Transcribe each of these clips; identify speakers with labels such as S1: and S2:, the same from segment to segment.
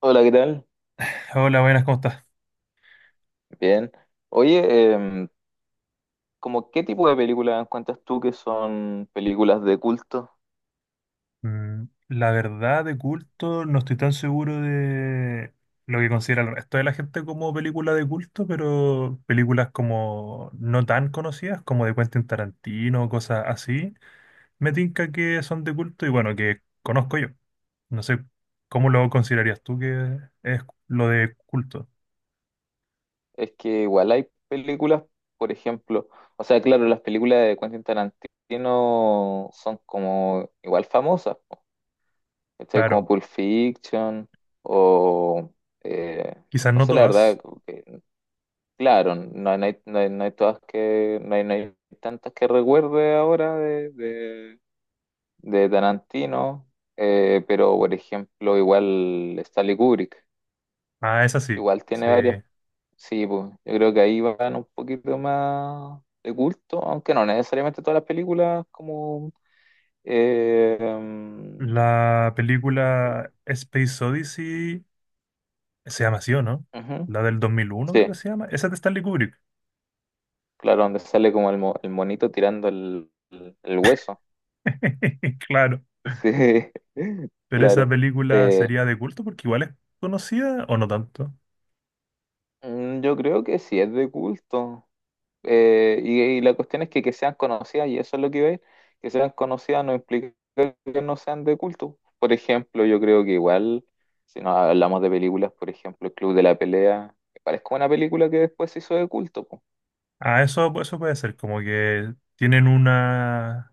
S1: Hola, ¿qué tal?
S2: Hola, buenas, ¿cómo estás?
S1: Bien. Oye, ¿como qué tipo de películas encuentras tú que son películas de culto?
S2: La verdad, de culto, no estoy tan seguro de lo que considera el resto de la gente como película de culto, pero películas como no tan conocidas, como de Quentin Tarantino, cosas así, me tinca que son de culto y bueno, que conozco yo. No sé, ¿cómo lo considerarías tú que es lo de culto?
S1: Es que igual hay películas, por ejemplo, o sea, claro, las películas de Quentin Tarantino son como igual famosas, po, ¿cachai? Como
S2: Claro,
S1: Pulp Fiction o, eh,
S2: quizás
S1: no
S2: no
S1: sé, la verdad,
S2: todas.
S1: como que, claro, no, hay, no hay tantas que recuerde ahora de, Tarantino, pero por ejemplo, igual Stanley Kubrick,
S2: Ah, esa sí,
S1: igual tiene
S2: sí.
S1: varias. Sí, pues, yo creo que ahí van un poquito más de culto, aunque no necesariamente todas las películas como. Mm,
S2: La película Space Odyssey. Se llama así, ¿o no?
S1: ujú.
S2: La del 2001 creo que
S1: Sí,
S2: se llama. Esa es de Stanley Kubrick.
S1: claro, donde sale como el, el monito tirando el, el hueso.
S2: Claro.
S1: Sí,
S2: Pero esa
S1: claro.
S2: película
S1: Eh,
S2: sería de culto porque igual es conocida o no tanto.
S1: yo creo que sí es de culto. Y la cuestión es que sean conocidas, y eso es lo que iba a ir, que sean conocidas no implica que no sean de culto. Por ejemplo, yo creo que igual, si nos hablamos de películas, por ejemplo, El Club de la Pelea, me parece como una película que después se hizo de culto, po.
S2: Ah, eso puede ser. Como que tienen una...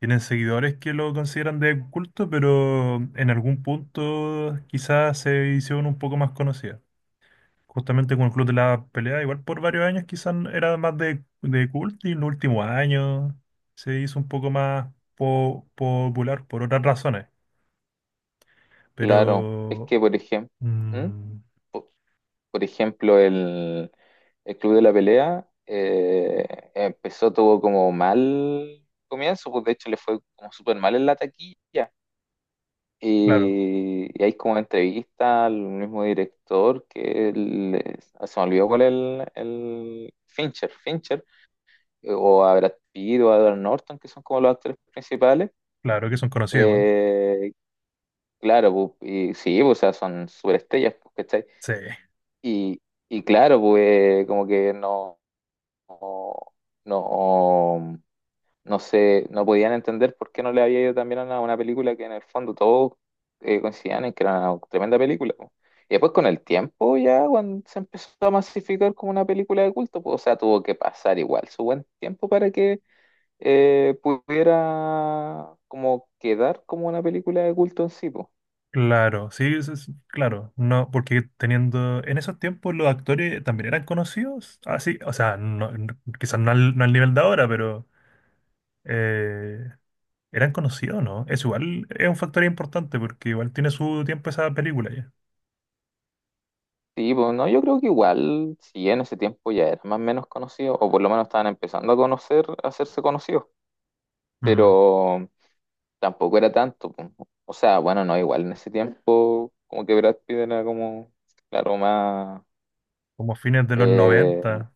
S2: Tienen seguidores que lo consideran de culto, pero en algún punto quizás se hicieron un poco más conocidas. Justamente con el Club de la Pelea, igual por varios años quizás era más de culto y en los últimos años se hizo un poco más popular por otras razones.
S1: Claro, es
S2: Pero,
S1: que, por ejemplo, ¿Mm?
S2: mm,
S1: Por ejemplo, el, Club de la Pelea, empezó, tuvo como mal comienzo, pues de hecho le fue como súper mal en la taquilla.
S2: claro,
S1: Y, hay como entrevista al mismo director que se me olvidó cuál es el Fincher, Fincher, o a Brad Pitt o a Edward Norton, que son como los actores principales.
S2: claro que son conocidos igual.
S1: Eh, claro, pu, y sí, pu, o sea, son superestrellas, pu, ¿cachai?
S2: Sí,
S1: Y, y claro, pues como que no, no no sé, no podían entender por qué no le había ido también a una, película que en el fondo todos coincidían en que era una tremenda película, po. Y después con el tiempo ya cuando se empezó a masificar como una película de culto, pues, o sea, tuvo que pasar igual su buen tiempo para que pudiera como quedar como una película de culto en sí, pues.
S2: claro, sí, sí, sí, claro. No, porque teniendo, en esos tiempos los actores también eran conocidos. Así, o sea, quizás no al, no al nivel de ahora, pero... eh, eran conocidos, ¿no? Eso igual es un factor importante porque igual tiene su tiempo esa película ya.
S1: Sí, pues no, yo creo que igual, si en ese tiempo ya era más o menos conocido, o por lo menos estaban empezando a conocer, a hacerse conocidos,
S2: Mm,
S1: pero tampoco era tanto, po. O sea, bueno, no, igual en ese tiempo, como que Brad Pitt era como, claro, más.
S2: como fines de los
S1: eh,
S2: noventa.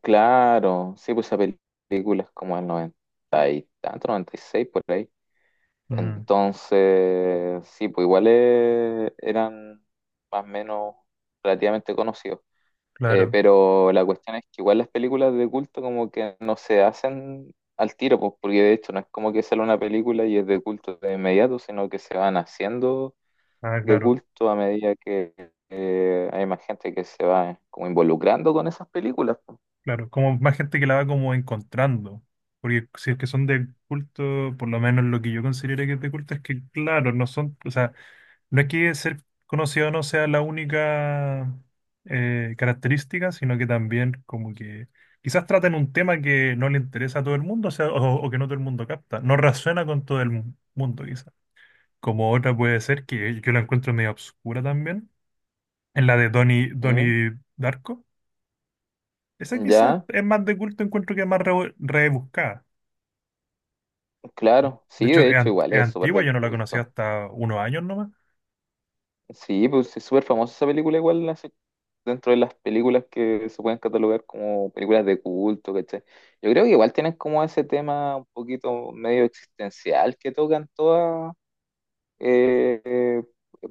S1: claro, sí, pues esa película es como el 90 y tanto, 96 por ahí.
S2: Mm,
S1: Entonces, sí, pues igual, eran más o menos relativamente conocidos.
S2: claro.
S1: Pero la cuestión es que igual las películas de culto como que no se hacen al tiro, pues, porque de hecho no es como que sale una película y es de culto de inmediato, sino que se van haciendo
S2: Ah,
S1: de
S2: claro.
S1: culto a medida que hay más gente que se va como involucrando con esas películas, pues.
S2: Claro. Como más gente que la va como encontrando. Porque si es que son de culto, por lo menos lo que yo considero que es de culto es que, claro, no son, o sea, no es que ser conocido no sea la única característica, sino que también como que quizás traten un tema que no le interesa a todo el mundo, o sea, o que no todo el mundo capta, no resuena con todo el mundo quizás. Como otra puede ser que yo la encuentro medio obscura también, en la de
S1: ¿Mm?
S2: Donnie Darko. Esa quizás
S1: Ya,
S2: es más de culto, encuentro que es más rebuscada.
S1: claro, sí,
S2: De hecho,
S1: de
S2: es,
S1: hecho igual
S2: es
S1: es súper
S2: antigua,
S1: de
S2: yo no la conocía
S1: culto.
S2: hasta unos años nomás.
S1: Sí, pues es súper famosa esa película igual, así, dentro de las películas que se pueden catalogar como películas de culto, ¿cachai? Yo creo que igual tienen como ese tema un poquito medio existencial que tocan todas, eh, eh,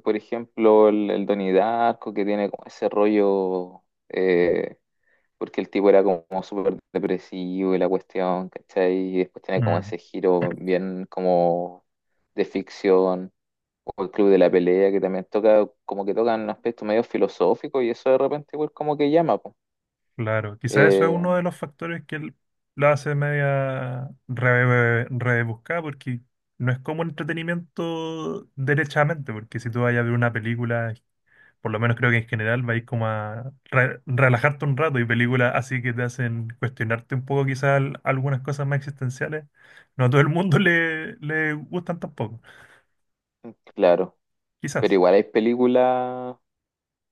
S1: por ejemplo, el, Donnie Darko, que tiene como ese rollo, eh, porque el tipo era como súper depresivo y la cuestión, ¿cachai? Y después tiene como ese
S2: Mm.
S1: giro bien como de ficción. O el Club de la Pelea, que también toca, como que tocan un aspecto medio filosófico y eso de repente igual como que llama, po.
S2: Claro, quizás eso es
S1: Eh,
S2: uno de los factores que la hace media rebuscada, porque no es como entretenimiento derechamente, porque si tú vas a ver una película, por lo menos creo que en general vais como a relajarte un rato y películas así que te hacen cuestionarte un poco quizás algunas cosas más existenciales, no a todo el mundo le gustan tampoco,
S1: claro, pero
S2: quizás.
S1: igual hay películas,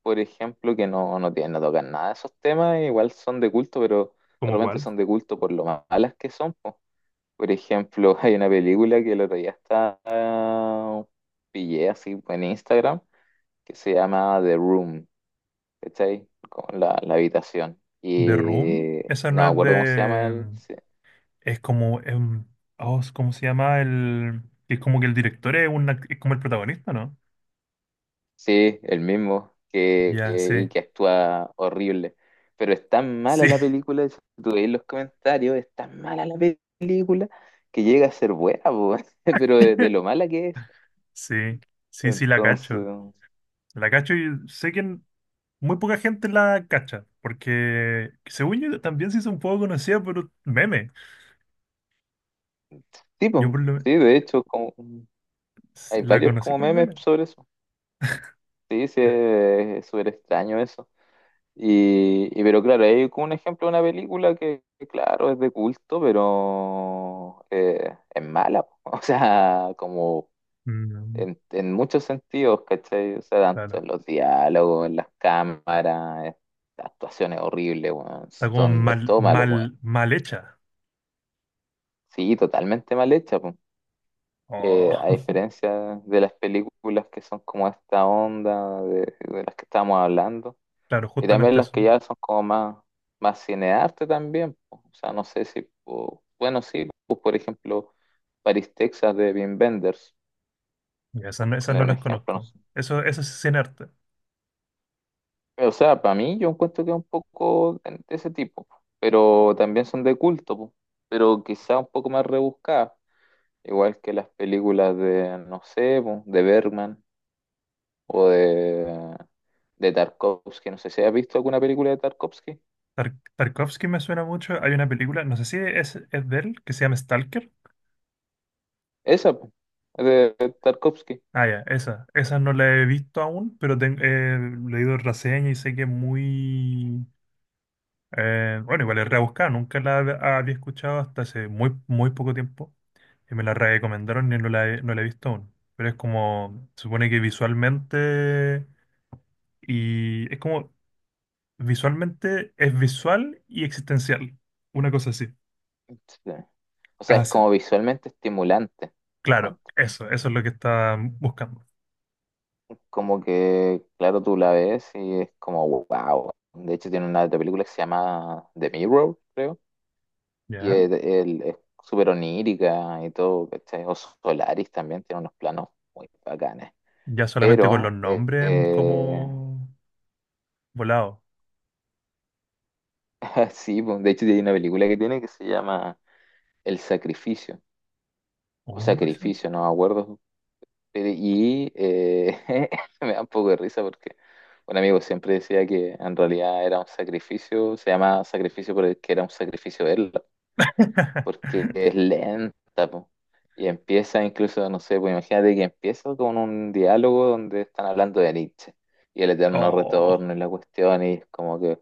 S1: por ejemplo, que no, no tienen, no tocan nada de esos temas, e igual son de culto, pero de
S2: ¿Como
S1: repente
S2: cuál?
S1: son de culto por lo malas que son, po. Por ejemplo, hay una película que el otro día pillé así en Instagram, que se llama The Room, ¿cachai? Como la habitación.
S2: The Room,
S1: Y
S2: esa
S1: no
S2: no
S1: me
S2: es
S1: acuerdo cómo se llama
S2: de...
S1: el,
S2: Es como, es oh, ¿cómo se llama? El, es como que el director es, un es como el protagonista, ¿no?
S1: Sí, el mismo, que,
S2: Ya,
S1: y
S2: sí,
S1: que actúa horrible. Pero es tan
S2: sí,
S1: mala la película, si tú veis los comentarios, es tan mala la película que llega a ser buena, po, pero de, lo mala que es.
S2: sí, sí, sí, la cacho.
S1: Entonces,
S2: La cacho y sé que muy poca gente la cacha, porque según yo también se hizo un poco conocida por meme.
S1: sí,
S2: Yo
S1: po,
S2: por lo men-
S1: sí, de hecho, como, hay
S2: la
S1: varios
S2: conocí
S1: como
S2: por
S1: memes
S2: meme.
S1: sobre eso. Sí, sí, es súper extraño eso. Pero claro, hay como un ejemplo de una película que, claro, es de culto, pero, es mala, po. O sea, como
S2: Mm,
S1: en muchos sentidos, ¿cachai? O sea, tanto
S2: claro,
S1: en los diálogos, en las cámaras, las actuaciones horribles, weón.
S2: está como
S1: Son, es
S2: mal,
S1: todo malo, weón.
S2: mal, mal hecha.
S1: Sí, totalmente mal hecha, po.
S2: Oh,
S1: A diferencia de las películas que son como esta onda de, las que estábamos hablando,
S2: claro,
S1: y también
S2: justamente
S1: las que
S2: eso.
S1: ya son como más, cinearte también, po. O sea, no sé si, po, bueno, sí, pues por ejemplo, Paris, Texas de Wim Wenders,
S2: Ya, esas no, esas
S1: poner
S2: no
S1: un
S2: las
S1: ejemplo, no.
S2: conozco. Eso sí es sin arte.
S1: O sea, para mí yo encuentro que es un poco de ese tipo, pero también son de culto, po, pero quizá un poco más rebuscadas, igual que las películas de, no sé, po, de Bergman o de, Tarkovsky, no sé si has visto alguna película de Tarkovsky.
S2: Tarkovsky me suena mucho. Hay una película, no sé si es de él, que se llama Stalker.
S1: Esa, po, de Tarkovsky.
S2: Ah, ya, esa. Esa no la he visto aún, pero he leído reseña y sé que es muy... bueno, igual es rebuscada, nunca la había escuchado hasta hace muy, muy poco tiempo. Y me la recomendaron y no la he visto aún. Pero es como, se supone que visualmente... Y es como, visualmente es visual y existencial. Una cosa así.
S1: Sí. O sea,
S2: Ah,
S1: es
S2: sí.
S1: como visualmente estimulante.
S2: Claro,
S1: Cuento.
S2: eso es lo que está buscando.
S1: Como que, claro, tú la ves y es como, wow. De hecho, tiene una otra película que se llama The Mirror, creo.
S2: ¿Ya?
S1: Es súper onírica y todo, ¿cachai? O Solaris también tiene unos planos muy bacanes.
S2: Ya solamente con los
S1: Pero,
S2: nombres como volado.
S1: sí, pues, de hecho hay una película que tiene que se llama El Sacrificio, o
S2: Oh, eso.
S1: Sacrificio, no me acuerdo. Y me da un poco de risa porque un amigo siempre decía que en realidad era un sacrificio, se llama sacrificio porque era un sacrificio verla. Porque es lenta, po. Y empieza incluso, no sé, pues imagínate que empieza con un diálogo donde están hablando de Nietzsche y el eterno
S2: Oh,
S1: retorno y la cuestión, y es como que.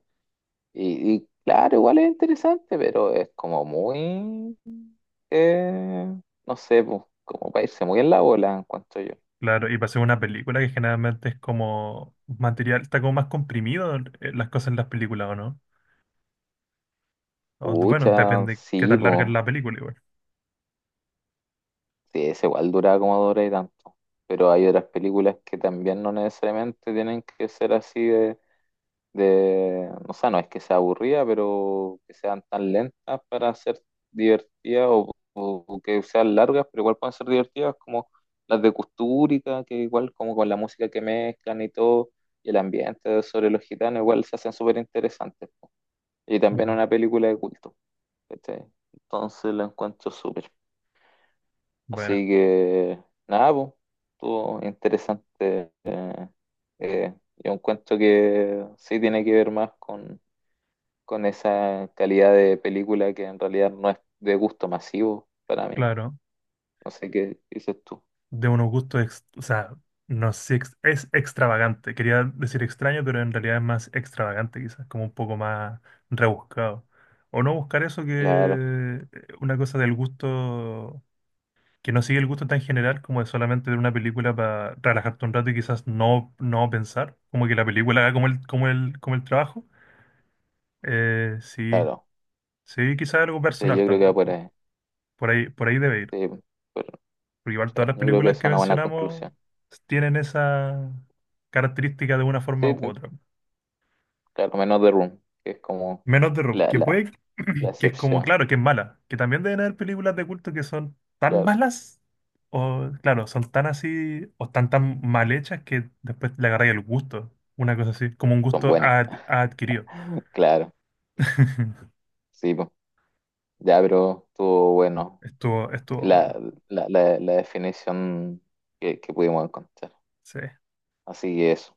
S1: Y, claro, igual es interesante, pero es como muy. eh, no sé, pues, como para irse muy en la bola, encuentro yo.
S2: claro, y para hacer una película que generalmente es como material, está como más comprimido las cosas en las películas, ¿o no? O, bueno,
S1: Pucha,
S2: depende qué
S1: sí,
S2: tan larga es
S1: pues.
S2: la película igual.
S1: Sí, es igual dura como dura y tanto. Pero hay otras películas que también no necesariamente tienen que ser así de, o sea, no es que sea aburrida, pero que sean tan lentas para ser divertidas o, que sean largas, pero igual pueden ser divertidas como las de Custúrica, que igual como con la música que mezclan y todo, y el ambiente sobre los gitanos, igual se hacen súper interesantes, po. Y también
S2: Ujú.
S1: una película de culto, ¿cachai? Entonces la encuentro súper.
S2: Bueno,
S1: Así que, nada, pues, estuvo interesante. Yo encuentro que sí tiene que ver más con esa calidad de película que en realidad no es de gusto masivo para mí.
S2: claro.
S1: No sé qué dices tú.
S2: De unos gustos, o sea, no sé, si es extravagante. Quería decir extraño, pero en realidad es más extravagante, quizás, como un poco más rebuscado. O no buscar eso que
S1: Claro,
S2: una cosa del gusto, que no sigue el gusto tan general como de solamente ver una película para relajarte un rato y quizás no, no pensar, como que la película haga como el, como el, como el trabajo. Sí,
S1: claro.
S2: sí, quizás algo
S1: Sí,
S2: personal
S1: yo creo que va
S2: también.
S1: por ahí.
S2: Por ahí debe ir.
S1: Sí, pero,
S2: Porque igual
S1: sí,
S2: todas las
S1: yo creo que
S2: películas
S1: esa es
S2: que
S1: una buena
S2: mencionamos
S1: conclusión.
S2: tienen esa característica de una forma
S1: Sí,
S2: u otra.
S1: claro, menos The Room, que es como
S2: Menos The Room,
S1: la,
S2: que
S1: la,
S2: puede,
S1: la
S2: que es como,
S1: excepción.
S2: claro, que es mala. Que también deben haber películas de culto que son tan
S1: Claro,
S2: malas, o claro, son tan así, o están tan mal hechas que después le agarráis el gusto. Una cosa así, como un
S1: son
S2: gusto
S1: buenas.
S2: adquirido.
S1: Claro, sí, po. Ya, pero estuvo bueno
S2: Estuvo, estuvo
S1: la,
S2: bueno.
S1: la definición que pudimos encontrar.
S2: Sí.
S1: Así que eso.